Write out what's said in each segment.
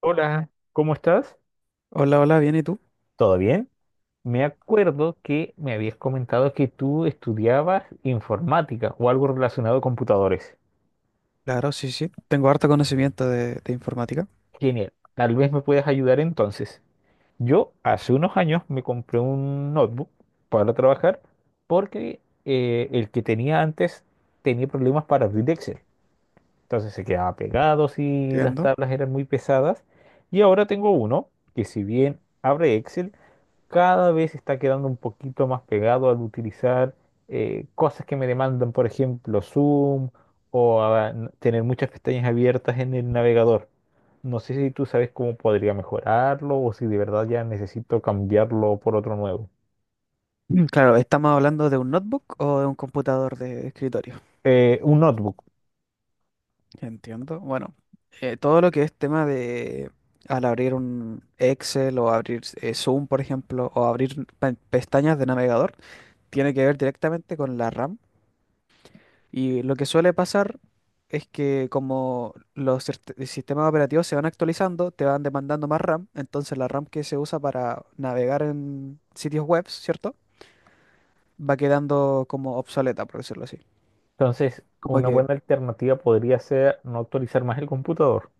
Hola, ¿cómo estás? Hola, hola, bien, ¿y tú? ¿Todo bien? Me acuerdo que me habías comentado que tú estudiabas informática o algo relacionado a computadores. Claro, sí, sí. Tengo harto conocimiento de informática. Genial. Tal vez me puedas ayudar entonces. Yo hace unos años me compré un notebook para trabajar porque el que tenía antes tenía problemas para abrir Excel. Entonces se quedaba pegado si las Entiendo. tablas eran muy pesadas. Y ahora tengo uno que si bien abre Excel, cada vez está quedando un poquito más pegado al utilizar cosas que me demandan, por ejemplo, Zoom o tener muchas pestañas abiertas en el navegador. No sé si tú sabes cómo podría mejorarlo o si de verdad ya necesito cambiarlo por otro nuevo. Claro, ¿estamos hablando de un notebook o de un computador de escritorio? Un notebook. Entiendo. Bueno, todo lo que es tema de al abrir un Excel o abrir Zoom, por ejemplo, o abrir pestañas de navegador, tiene que ver directamente con la RAM. Y lo que suele pasar es que como los sistemas operativos se van actualizando, te van demandando más RAM. Entonces, la RAM que se usa para navegar en sitios web, ¿cierto? Va quedando como obsoleta, por decirlo así. Entonces, Como una que, buena alternativa podría ser no actualizar más el computador.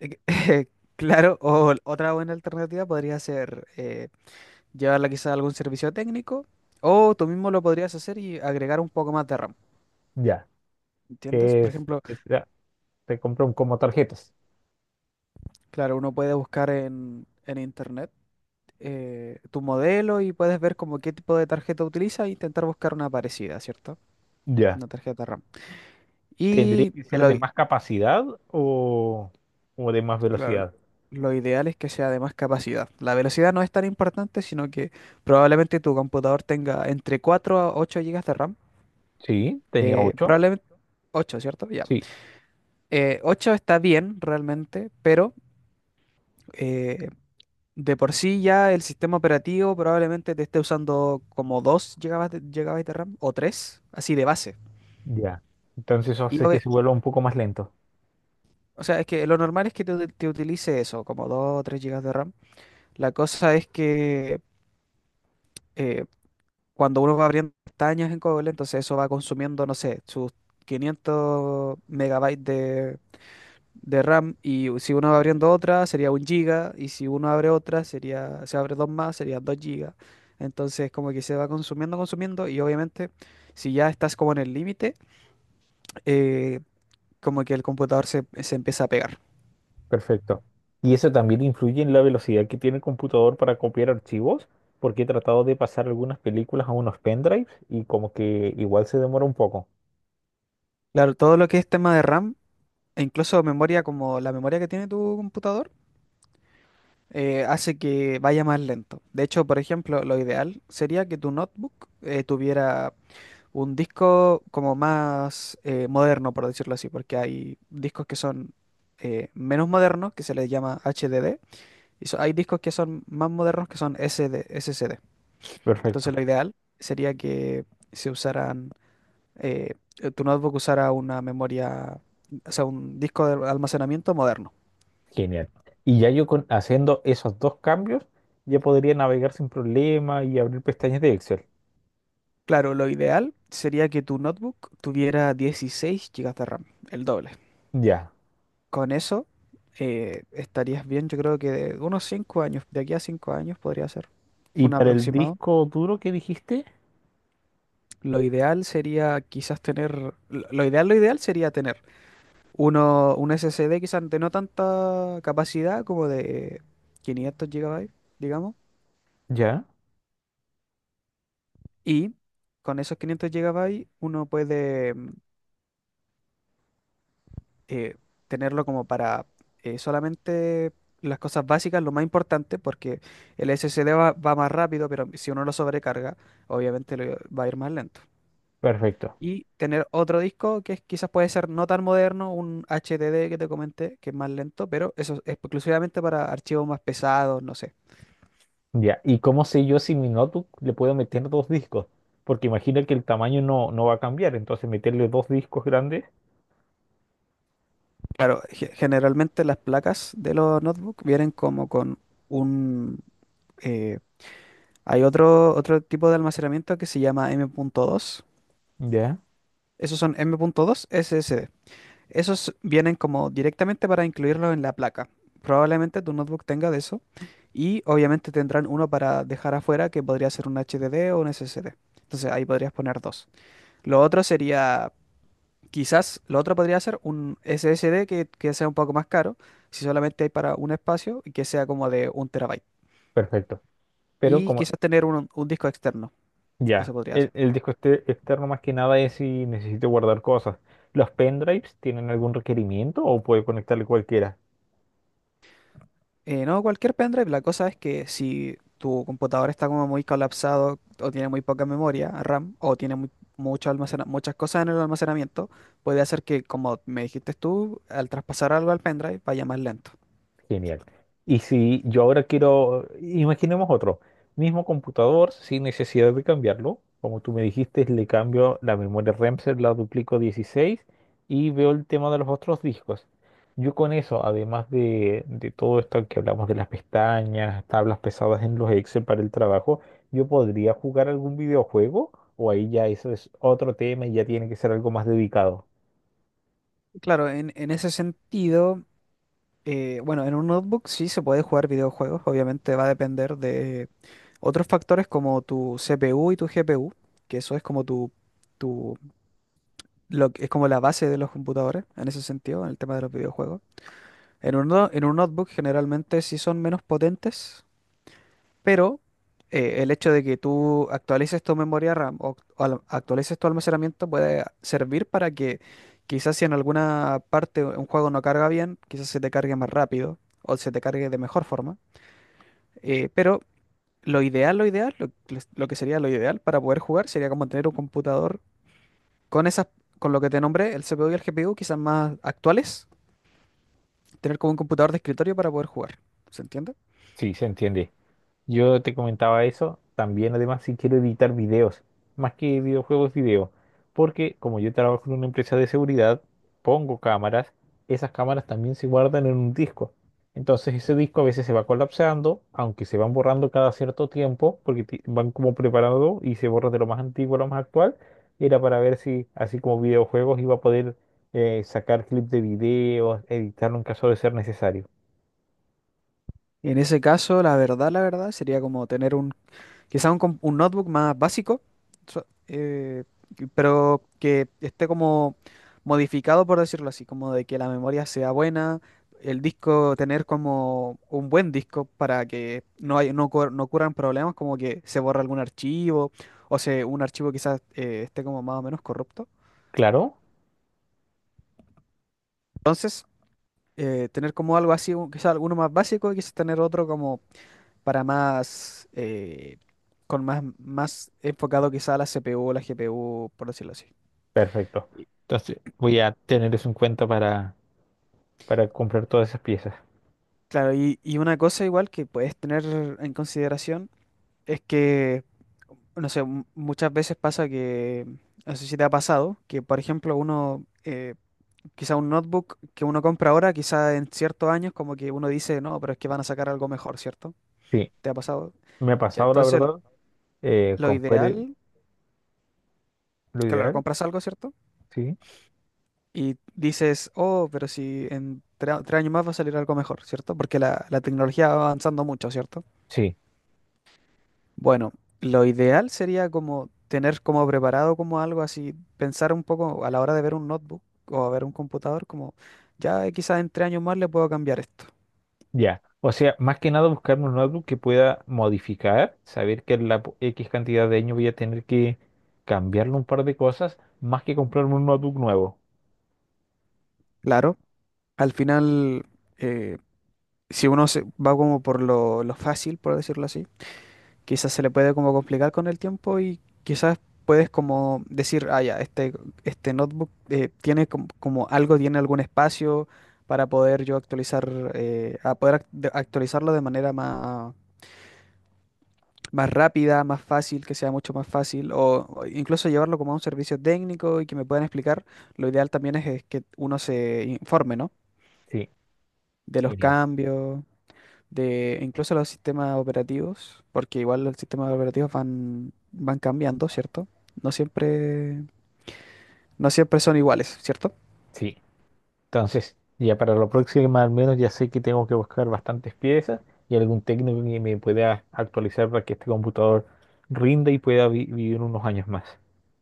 claro, o otra buena alternativa podría ser llevarla quizá a algún servicio técnico, o tú mismo lo podrías hacer y agregar un poco más de RAM, Ya, ¿entiendes? Por ejemplo, ya, se compra un como tarjetas. claro, uno puede buscar en internet, tu modelo, y puedes ver como qué tipo de tarjeta utiliza e intentar buscar una parecida, ¿cierto? Ya. Una tarjeta RAM. ¿Tendría Y que ser de más capacidad o de más lo, velocidad? lo ideal es que sea de más capacidad. La velocidad no es tan importante, sino que probablemente tu computador tenga entre 4 a 8 gigas de RAM. Sí, tenía ocho. Probablemente 8, ¿cierto? Ya. Sí, 8 está bien realmente, pero eh, de por sí ya el sistema operativo probablemente te esté usando como 2 gigabytes GB de RAM o 3, así de base. ya. Entonces eso Y hace que obvi- se vuelva un poco más lento. O sea, es que lo normal es que te utilice eso, como 2 o 3 gigas de RAM. La cosa es que eh, cuando uno va abriendo pestañas en Cobol, entonces eso va consumiendo, no sé, sus 500 megabytes de RAM. Y si uno va abriendo otra, sería un giga. Y si uno abre otra, sería, se abre dos más, serían 2 gigas. Entonces, como que se va consumiendo, consumiendo. Y obviamente, si ya estás como en el límite, eh, como que el computador se empieza a pegar. Perfecto. Y eso también influye en la velocidad que tiene el computador para copiar archivos, porque he tratado de pasar algunas películas a unos pendrives y como que igual se demora un poco. Claro, todo lo que es tema de RAM, e incluso memoria, como la memoria que tiene tu computador, hace que vaya más lento. De hecho, por ejemplo, lo ideal sería que tu notebook tuviera un disco como más moderno, por decirlo así, porque hay discos que son menos modernos, que se les llama HDD, y hay discos que son más modernos, que son SD, SSD. Entonces, Perfecto. lo ideal sería que se usaran, eh, tu notebook usara una memoria, o sea, un disco de almacenamiento moderno. Genial. Y ya yo con, haciendo esos dos cambios, ya podría navegar sin problema y abrir pestañas de Excel. Claro, lo ideal sería que tu notebook tuviera 16 gigas de RAM, el doble. Ya. Con eso estarías bien. Yo creo que de unos 5 años, de aquí a 5 años podría ser ¿Y un para el aproximado. disco duro que dijiste? Lo ideal sería quizás tener, lo ideal sería tener un SSD, quizás de no tanta capacidad, como de 500 gigabytes, digamos. Ya, Y con esos 500 gigabytes uno puede eh, tenerlo como para solamente las cosas básicas, lo más importante, porque el SSD va más rápido, pero si uno lo sobrecarga, obviamente le va a ir más lento. perfecto. Y tener otro disco quizás puede ser no tan moderno, un HDD que te comenté, que es más lento, pero eso es exclusivamente para archivos más pesados, no sé. Ya, ¿y cómo sé yo si mi notebook le puedo meter dos discos? Porque imagina que el tamaño no va a cambiar, entonces meterle dos discos grandes. Claro, generalmente las placas de los notebooks vienen como con un... eh, hay otro tipo de almacenamiento que se llama M. punto dos. Ya, Esos son M.2 SSD. Esos vienen como directamente para incluirlo en la placa. Probablemente tu notebook tenga de eso. Y obviamente tendrán uno para dejar afuera, que podría ser un HDD o un SSD. Entonces ahí podrías poner dos. Lo otro sería, quizás, lo otro podría ser un SSD que sea un poco más caro, si solamente hay para un espacio, y que sea como de un terabyte. perfecto. Pero Y como, quizás tener un disco externo. No se ya, podría hacer. el disco externo más que nada es si necesito guardar cosas. ¿Los pendrives tienen algún requerimiento o puede conectarle cualquiera? No, cualquier pendrive. La cosa es que si tu computador está como muy colapsado, o tiene muy poca memoria RAM, o tiene muchas cosas en el almacenamiento, puede hacer que, como me dijiste tú, al traspasar algo al pendrive vaya más lento. Genial. Y si yo ahora quiero, imaginemos otro, mismo computador sin necesidad de cambiarlo, como tú me dijiste, le cambio la memoria RAM, se la duplico a 16 y veo el tema de los otros discos. Yo con eso, además de todo esto que hablamos de las pestañas, tablas pesadas en los Excel para el trabajo, yo podría jugar algún videojuego o ahí ya eso es otro tema y ya tiene que ser algo más dedicado. Claro, en ese sentido. Bueno, en un notebook sí se puede jugar videojuegos. Obviamente va a depender de otros factores como tu CPU y tu GPU, que eso es como tu, lo que es como la base de los computadores en ese sentido, en el tema de los videojuegos. En un, no- en un notebook generalmente sí son menos potentes, pero el hecho de que tú actualices tu memoria RAM, actualices tu almacenamiento, puede servir para que quizás si en alguna parte un juego no carga bien, quizás se te cargue más rápido o se te cargue de mejor forma. Pero lo que sería lo ideal para poder jugar sería como tener un computador con esas, con lo que te nombré, el CPU y el GPU, quizás más actuales, tener como un computador de escritorio para poder jugar. ¿Se entiende? Sí, se entiende. Yo te comentaba eso, también además si quiero editar videos, más que videojuegos, video, porque como yo trabajo en una empresa de seguridad, pongo cámaras, esas cámaras también se guardan en un disco. Entonces ese disco a veces se va colapsando, aunque se van borrando cada cierto tiempo, porque van como preparando y se borra de lo más antiguo a lo más actual, era para ver si así como videojuegos iba a poder sacar clips de videos, editarlo en caso de ser necesario. En ese caso, la verdad, sería como tener un. Quizás un notebook más básico, so- eh, pero que esté como modificado, por decirlo así, como de que la memoria sea buena, el disco, tener como un buen disco para que no ocurran problemas, como que se borra algún archivo, o un archivo quizás esté como más o menos corrupto. Claro. Entonces, tener como algo así, quizás alguno más básico, y quizás tener otro como para más, con más enfocado quizá a la CPU o la GPU, por decirlo así. Perfecto. Y- Entonces voy a tener eso en cuenta para comprar todas esas piezas. Claro, y una cosa igual que puedes tener en consideración es que, no sé, muchas veces pasa que, no sé si te ha pasado, que por ejemplo uno, quizá un notebook que uno compra ahora, quizá en ciertos años como que uno dice, no, pero es que van a sacar algo mejor, ¿cierto? Sí, ¿Te ha pasado? me ha Ya, pasado la entonces verdad. Lo Compré ideal, lo claro, ideal. compras algo, ¿cierto? Sí, Y dices, oh, pero si en 3 años más va a salir algo mejor, ¿cierto? Porque la tecnología va avanzando mucho, ¿cierto? sí, Bueno, lo ideal sería como tener como preparado como algo así, pensar un poco a la hora de ver un notebook o a ver un computador, como ya, quizás en 3 años más le puedo cambiar esto. ya. O sea, más que nada buscarme un notebook que pueda modificar, saber que en la X cantidad de años voy a tener que cambiarle un par de cosas, más que comprarme un notebook nuevo. Claro, al final, eh, si uno se va como por lo fácil, por decirlo así, quizás se le puede como complicar con el tiempo, y quizás puedes como decir, ah, ya, este notebook tiene como, algo, tiene algún espacio para poder yo actualizar, a poder act- de- actualizarlo de manera más rápida, más fácil, que sea mucho más fácil, o incluso llevarlo como a un servicio técnico y que me puedan explicar. Lo ideal también es que uno se informe, ¿no? Sí, De los genial. cambios, de incluso los sistemas operativos, porque igual los sistemas operativos van cambiando, ¿cierto? No siempre, no siempre son iguales, ¿cierto? Sí. Entonces, ya para la próxima al menos ya sé que tengo que buscar bastantes piezas y algún técnico que me pueda actualizar para que este computador rinda y pueda vivir unos años más.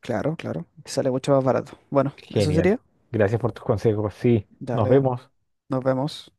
Claro, claro. Sale mucho más barato. Bueno, eso Genial. sería. Gracias por tus consejos. Sí, nos Dale, vemos. nos vemos.